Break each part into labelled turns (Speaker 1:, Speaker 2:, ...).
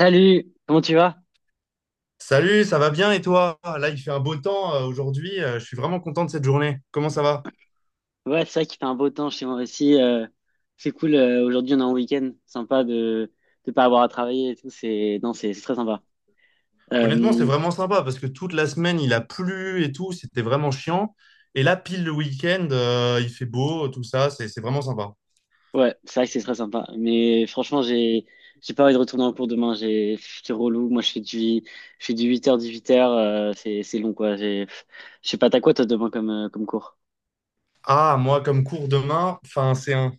Speaker 1: Salut, comment tu vas?
Speaker 2: Salut, ça va bien et toi? Là, il fait un beau temps aujourd'hui. Je suis vraiment content de cette journée. Comment ça va?
Speaker 1: Ouais, c'est vrai qu'il fait un beau temps chez moi aussi. C'est cool. Aujourd'hui, on est en week-end. Sympa de pas avoir à travailler et tout. C'est non, c'est très sympa.
Speaker 2: Honnêtement, c'est
Speaker 1: Euh,
Speaker 2: vraiment sympa parce que toute la semaine, il a plu et tout. C'était vraiment chiant. Et là, pile le week-end, il fait beau, tout ça. C'est vraiment sympa.
Speaker 1: ouais, c'est vrai que c'est très sympa. Mais franchement, j'ai pas envie de retourner en cours demain. J'ai C'est relou. Moi, je fais du 8h 18h. C'est long quoi. J'ai Je sais pas t'as quoi toi demain comme cours?
Speaker 2: Ah, moi, comme cours demain, enfin,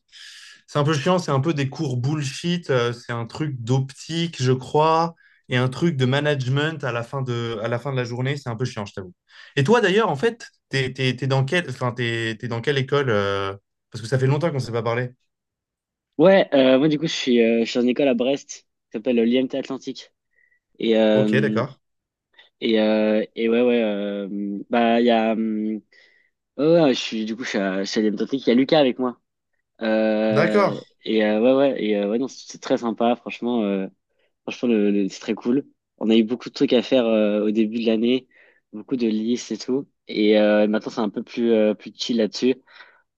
Speaker 2: c'est un peu chiant, c'est un peu des cours bullshit, c'est un truc d'optique, je crois, et un truc de management à la fin de la journée, c'est un peu chiant, je t'avoue. Et toi, d'ailleurs, en fait, t'es dans t'es dans quelle école parce que ça fait longtemps qu'on ne s'est pas parlé.
Speaker 1: Ouais, moi du coup, je suis en école à Brest, qui s'appelle l'IMT Atlantique. Et
Speaker 2: Ok,
Speaker 1: euh,
Speaker 2: d'accord.
Speaker 1: et ouais, ouais, bah, il y a, ouais, ouais, je suis, du coup, je suis à l'MTT, il y a Lucas avec moi.
Speaker 2: D'accord.
Speaker 1: Ouais, ouais, ouais, non, c'est très sympa, franchement, c'est très cool. On a eu beaucoup de trucs à faire au début de l'année, beaucoup de listes et tout. Maintenant, c'est un peu plus chill là-dessus.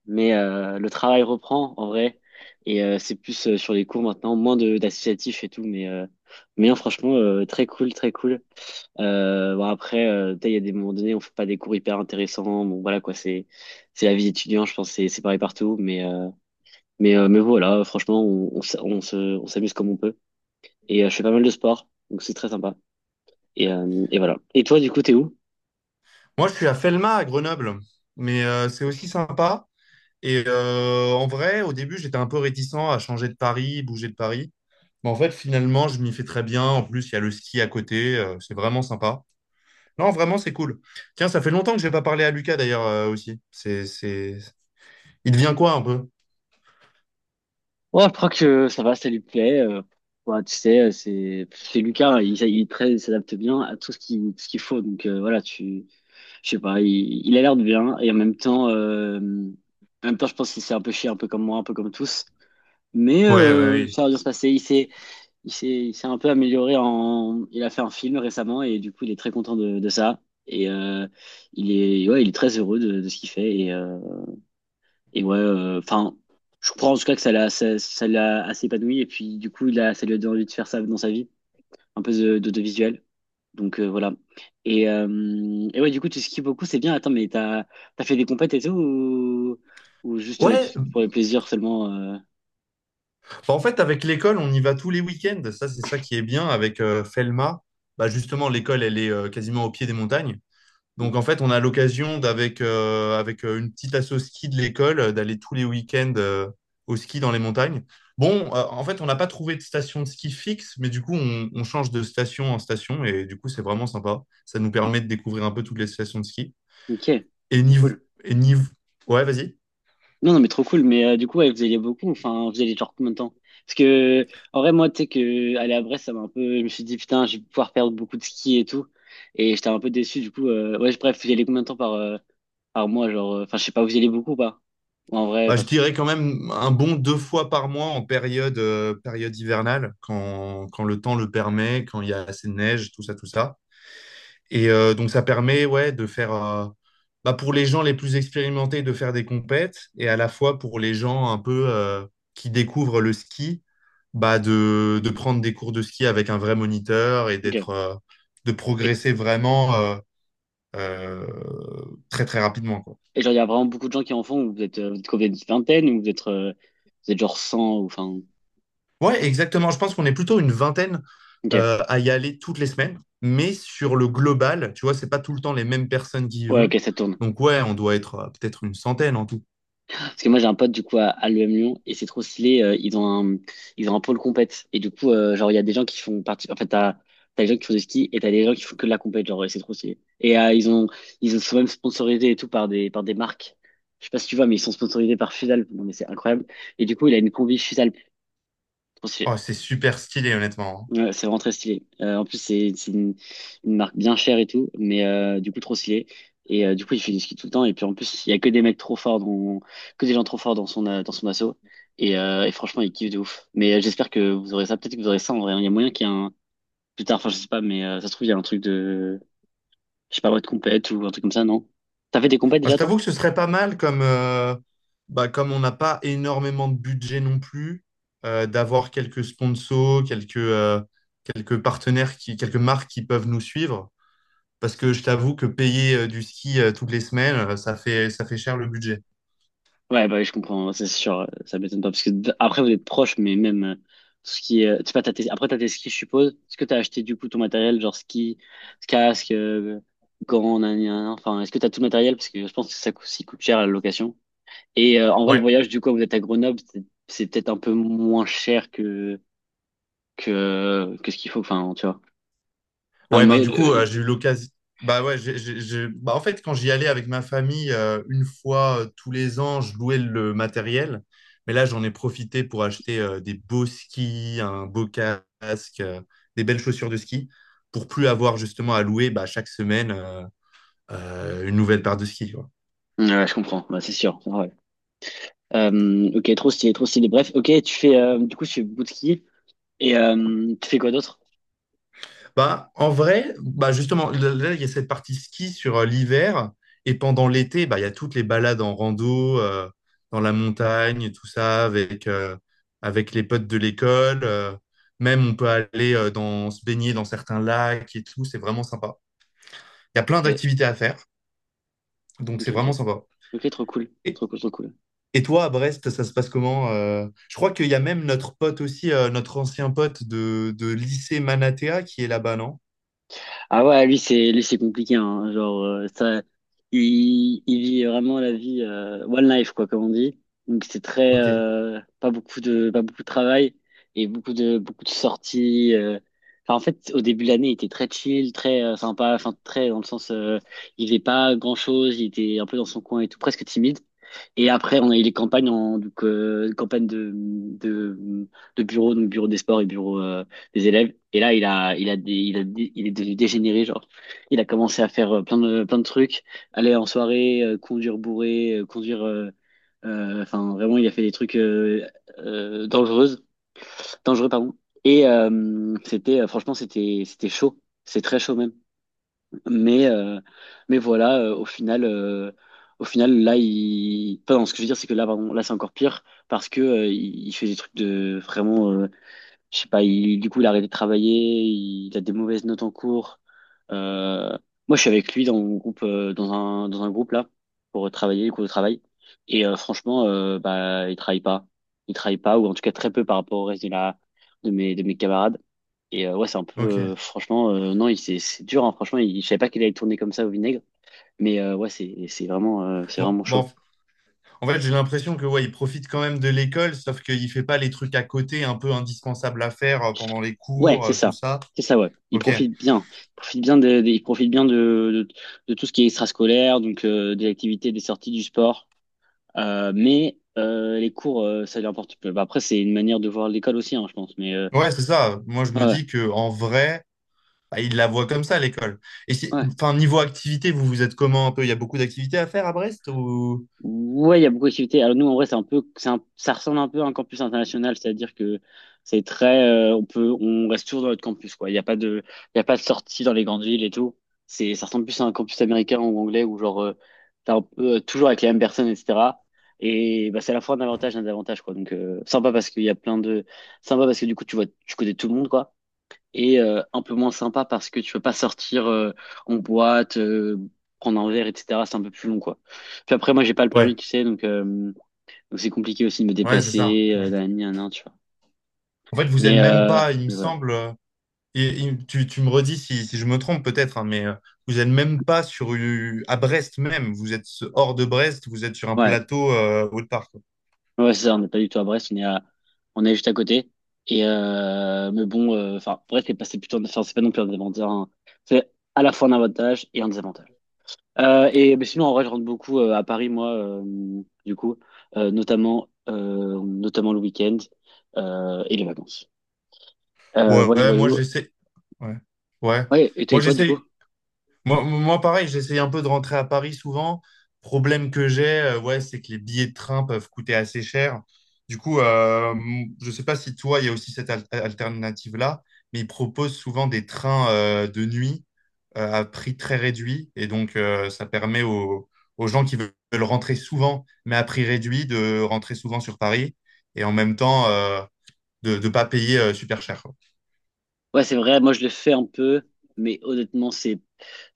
Speaker 1: Mais le travail reprend, en vrai. Et c'est plus sur les cours maintenant, moins de d'associatifs et tout. Mais non, franchement, très cool, très cool. Bon après, tu sais, il y a des moments donnés, on fait pas des cours hyper intéressants. Bon voilà quoi, c'est la vie d'étudiant, je pense, c'est pareil partout. Mais voilà, franchement, on s'amuse comme on peut. Et je fais pas mal de sport, donc c'est très sympa. Et voilà. Et toi, du coup, t'es où?
Speaker 2: Moi, je suis à Felma, à Grenoble, mais c'est aussi sympa. Et en vrai, au début, j'étais un peu réticent à changer de Paris, bouger de Paris. Mais en fait, finalement, je m'y fais très bien. En plus, il y a le ski à côté, c'est vraiment sympa. Non, vraiment, c'est cool. Tiens, ça fait longtemps que j'ai pas parlé à Lucas d'ailleurs aussi. C'est, Il devient quoi un peu?
Speaker 1: Oh, je crois que ça va, ça lui plaît. Bah, tu sais, c'est Lucas, il est très, il s'adapte bien à tout ce qu'il faut. Donc voilà, tu je sais pas, il a l'air de bien et en même temps. En même temps, je pense qu'il s'est un peu chié, un peu comme moi, un peu comme tous. Mais
Speaker 2: Ouais, ouais,
Speaker 1: ça va bien
Speaker 2: oui.
Speaker 1: se passer. Il s'est un peu amélioré en. Il a fait un film récemment et du coup, il est très content de ça. Et euh, ouais, il est très heureux de ce qu'il fait. Et ouais, enfin, je comprends en tout cas que ça l'a assez épanoui. Et puis, du coup, ça lui a donné envie de faire ça dans sa vie, un peu d'autovisuel. Donc voilà. Et, euh, et ouais, du coup, tu skis beaucoup, c'est bien. Attends, mais t'as fait des compètes et tout ou juste
Speaker 2: Ouais,
Speaker 1: pour le plaisir seulement
Speaker 2: bah, en fait, avec l'école, on y va tous les week-ends. Ça, c'est ça qui est bien avec Felma. Bah, justement, l'école, elle est quasiment au pied des montagnes. Donc en fait, on a l'occasion d'avec avec une petite asso ski de l'école d'aller tous les week-ends au ski dans les montagnes. Bon, en fait, on n'a pas trouvé de station de ski fixe, mais du coup, on change de station en station et du coup, c'est vraiment sympa. Ça nous permet de découvrir un peu toutes les stations de ski.
Speaker 1: Ok,
Speaker 2: Et niv
Speaker 1: cool.
Speaker 2: et niv ouais, vas-y.
Speaker 1: Non, non, mais trop cool. Mais du coup, ouais, vous alliez beaucoup. Enfin, vous alliez genre combien de temps? Parce que, en vrai, moi, tu sais que aller à Brest, ça m'a un peu. Je me suis dit, putain, je vais pouvoir perdre beaucoup de ski et tout. Et j'étais un peu déçu. Du coup, ouais, bref, vous y allez combien de temps par mois? Genre, enfin, je sais pas, vous y allez beaucoup ou pas? Ou en vrai,
Speaker 2: Bah,
Speaker 1: pas
Speaker 2: je
Speaker 1: trop.
Speaker 2: dirais quand même un bon deux fois par mois en période hivernale, quand le temps le permet, quand il y a assez de neige, tout ça, tout ça. Et donc, ça permet ouais, bah, pour les gens les plus expérimentés, de faire des compètes, et à la fois pour les gens un peu qui découvrent le ski, bah, de prendre des cours de ski avec un vrai moniteur et
Speaker 1: Ok.
Speaker 2: de
Speaker 1: Et,
Speaker 2: progresser vraiment euh, très, très rapidement, quoi.
Speaker 1: et genre, il y a vraiment beaucoup de gens qui en font. Ou vous êtes combien? Une vingtaine? Ou vous êtes genre 100. Ou enfin.
Speaker 2: Ouais, exactement. Je pense qu'on est plutôt une vingtaine
Speaker 1: Ok.
Speaker 2: à y aller toutes les semaines, mais sur le global, tu vois, c'est pas tout le temps les mêmes personnes qui y
Speaker 1: Ouais,
Speaker 2: vont.
Speaker 1: ok, ça tourne.
Speaker 2: Donc, ouais, on doit être peut-être une centaine en tout.
Speaker 1: Parce que moi, j'ai un pote, du coup, à l'UM Lyon, et c'est trop stylé. Ils ont un pôle compète. Et du coup, genre, il y a des gens qui font partie. En fait, t'as des gens qui font du ski et t'as des gens qui font que de la compète. Genre, et c'est trop stylé. Ils sont même sponsorisés et tout par des marques. Je sais pas si tu vois, mais ils sont sponsorisés par Fusalp. Non, mais c'est incroyable. Et du coup, il a une combi Fusalp. Trop stylé.
Speaker 2: Oh, c'est super stylé, honnêtement.
Speaker 1: Ouais, c'est vraiment très stylé. En plus, c'est une marque bien chère et tout, mais du coup, trop stylé. Du coup, il fait du ski tout le temps. Et puis, en plus, il y a que des gens trop forts dans son assaut. Et franchement, il kiffe de ouf. Mais j'espère que vous aurez ça. Peut-être que vous aurez ça en vrai, hein. Il y a moyen qu'il y ait un. Plus tard, enfin, je sais pas, mais ça se trouve, il y a un truc de. Je sais pas, moi, de compète ou un truc comme ça, non? T'as fait des compètes
Speaker 2: Enfin, je
Speaker 1: déjà, toi?
Speaker 2: t'avoue que ce serait pas mal bah, comme on n'a pas énormément de budget non plus, d'avoir quelques sponsors, quelques partenaires, quelques marques qui peuvent nous suivre. Parce que je t'avoue que payer du ski toutes les semaines, ça fait cher le budget.
Speaker 1: Ouais, bah, oui, je comprends, hein, c'est sûr, ça m'étonne pas, parce que après, vous êtes proches, mais même, ce qui est, tu sais pas, après, t'as tes skis, je suppose. Est-ce que t'as acheté, du coup, ton matériel, genre ski, casque, gants, nan, nan, nan, enfin, est-ce que t'as tout le matériel? Parce que je pense que ça coûte cher, la location. En vrai, le
Speaker 2: Ouais.
Speaker 1: voyage, du coup, vous êtes à Grenoble, c'est peut-être un peu moins cher que ce qu'il faut, enfin, tu vois. Enfin, le
Speaker 2: Ouais, ben
Speaker 1: moyen,
Speaker 2: du coup, j'ai eu l'occasion. Bah ouais, bah, en fait, quand j'y allais avec ma famille, une fois tous les ans, je louais le matériel. Mais là, j'en ai profité pour acheter des beaux skis, un beau casque, des belles chaussures de ski, pour plus avoir justement à louer bah, chaque semaine une nouvelle paire de skis.
Speaker 1: ouais, je comprends, bah, c'est sûr, ouais. Ok, trop stylé, trop stylé. Bref, ok, du coup, tu fais bout de ski, tu fais quoi d'autre?
Speaker 2: Bah, en vrai, bah justement, là, il y a cette partie ski sur l'hiver. Et pendant l'été, bah, il y a toutes les balades en rando, dans la montagne, tout ça, avec les potes de l'école. Même, on peut aller se baigner dans certains lacs et tout. C'est vraiment sympa. Il y a plein
Speaker 1: Ok,
Speaker 2: d'activités à faire. Donc,
Speaker 1: ok,
Speaker 2: c'est vraiment
Speaker 1: ok.
Speaker 2: sympa.
Speaker 1: Ok, trop cool.
Speaker 2: Et,
Speaker 1: Trop cool, trop cool.
Speaker 2: et toi, à Brest, ça se passe comment? Euh, je crois qu'il y a même notre pote aussi, notre ancien pote de lycée Manatea qui est là-bas, non?
Speaker 1: Ah ouais, c'est lui, c'est compliqué, hein. Genre, il vit vraiment la vie one life, quoi, comme on dit. Donc, c'est très,
Speaker 2: Ok,
Speaker 1: pas beaucoup de travail et beaucoup de sorties. Enfin, en fait, au début de l'année, il était très chill, très sympa, enfin, très dans le sens, il faisait pas grand-chose, il était un peu dans son coin et tout, presque timide. Et après, on a eu les campagnes, donc campagne de bureau, donc bureau des sports et bureau des élèves. Et là, il est devenu dégénéré, genre. Il a commencé à faire plein de trucs, aller en soirée, conduire bourré, conduire. Enfin, vraiment, il a fait des trucs dangereuses, dangereux, pardon. Franchement, c'était chaud. C'est très chaud même. Mais, euh, mais voilà, au final, là, il. Pas ce que je veux dire, c'est que là, pardon, là, c'est encore pire parce que il fait des trucs de vraiment. Je sais pas, du coup, il a arrêté de travailler, il a des mauvaises notes en cours. Euh, Moi, je suis avec lui dans mon groupe, dans un groupe là, pour travailler, les cours de travail. Franchement, bah, il travaille pas. Il travaille pas, ou en tout cas très peu par rapport au reste de mes camarades. Ouais, c'est un peu.
Speaker 2: ok.
Speaker 1: Franchement, non, c'est dur, hein. Franchement, je savais pas qu'il allait tourner comme ça au vinaigre. Mais ouais, c'est
Speaker 2: Bon,
Speaker 1: vraiment chaud.
Speaker 2: bon, en fait, j'ai l'impression que ouais, il profite quand même de l'école, sauf qu'il fait pas les trucs à côté un peu indispensables à faire pendant les
Speaker 1: Ouais,
Speaker 2: cours,
Speaker 1: c'est
Speaker 2: tout
Speaker 1: ça.
Speaker 2: ça.
Speaker 1: C'est ça, ouais. Il
Speaker 2: Ok.
Speaker 1: profite bien. Il profite bien de tout ce qui est extrascolaire, donc des activités, des sorties, du sport. Mais les cours, ça lui importe peu. Bah, après, c'est une manière de voir l'école aussi, hein, je pense. Mais
Speaker 2: Ouais, c'est ça. Moi, je me
Speaker 1: ouais,
Speaker 2: dis que en vrai, bah, il la voit comme ça l'école.
Speaker 1: ouais.
Speaker 2: Enfin, niveau activité, vous êtes comment un peu? Il y a beaucoup d'activités à faire à Brest ou...
Speaker 1: Ouais, il y a beaucoup d'activités. Alors nous, en vrai, c'est un peu, c'est un- ça ressemble un peu à un campus international, c'est-à-dire que c'est très, on reste toujours dans notre campus, quoi. Il y a pas de, il y a pas de sortie dans les grandes villes et tout. Ça ressemble plus à un campus américain ou anglais où genre, t'es un peu, toujours avec les mêmes personnes, etc. Et bah, c'est à la fois un avantage et un désavantage, quoi. Donc sympa parce qu'il y a plein de, sympa parce que du coup, tu vois, tu connais tout le monde, quoi, et un peu moins sympa parce que tu peux pas sortir en boîte, prendre un verre, etc. C'est un peu plus long, quoi. Puis après, moi, j'ai pas le
Speaker 2: ouais,
Speaker 1: permis, tu sais, donc c'est compliqué aussi de me
Speaker 2: ouais, c'est ça.
Speaker 1: déplacer,
Speaker 2: Ouais.
Speaker 1: nan, nan, nan, tu vois.
Speaker 2: En fait, vous êtes
Speaker 1: Mais,
Speaker 2: même
Speaker 1: euh,
Speaker 2: pas, il me
Speaker 1: mais voilà.
Speaker 2: semble. Et tu me redis si, si je me trompe peut-être, hein, mais vous êtes même pas sur à Brest même. Vous êtes hors de Brest. Vous êtes sur un
Speaker 1: Ouais,
Speaker 2: plateau autre part.
Speaker 1: ouais, c'est ça, on n'est pas du tout à Brest, on est juste à côté. Mais bon, enfin, Brest, c'est plutôt, enfin, c'est pas non plus un avantage, hein. C'est à la fois un avantage et un désavantage. Mais sinon, en vrai, je rentre beaucoup à Paris, moi, du coup, notamment le week-end et les vacances.
Speaker 2: Ouais,
Speaker 1: Voilà,
Speaker 2: ouais, moi
Speaker 1: voilà.
Speaker 2: j'essaie. Ouais. Ouais.
Speaker 1: Ouais, et toi, et
Speaker 2: Moi
Speaker 1: toi, du coup?
Speaker 2: j'essaie. Moi, pareil, j'essaie un peu de rentrer à Paris souvent. Problème que j'ai, ouais, c'est que les billets de train peuvent coûter assez cher. Du coup, je sais pas si toi, il y a aussi cette alternative-là, mais ils proposent souvent des trains de nuit à prix très réduit. Et donc, ça permet aux, aux gens qui veulent rentrer souvent, mais à prix réduit, de rentrer souvent sur Paris et en même temps de ne pas payer super cher, quoi.
Speaker 1: Ouais, c'est vrai, moi, je le fais un peu, mais honnêtement, c'est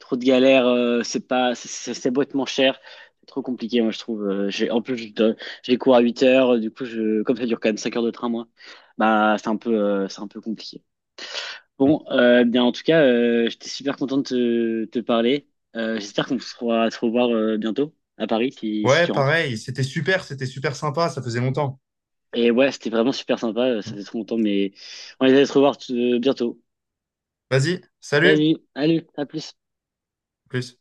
Speaker 1: trop de galère, c'est pas, c'est bêtement cher, c'est trop compliqué, moi, je trouve. En plus, j'ai cours à 8h, du coup, comme ça dure quand même 5 heures de train, moi, bah, c'est un peu compliqué. Bon, bien en tout cas, j'étais super content de te parler. J'espère qu'on pourra se revoir bientôt à Paris si
Speaker 2: Ouais,
Speaker 1: tu rentres.
Speaker 2: pareil, c'était super sympa, ça faisait longtemps.
Speaker 1: Et ouais, c'était vraiment super sympa, ça fait trop longtemps, mais on va se revoir bientôt.
Speaker 2: Vas-y, salut,
Speaker 1: Vas-y, allez, à plus.
Speaker 2: à plus.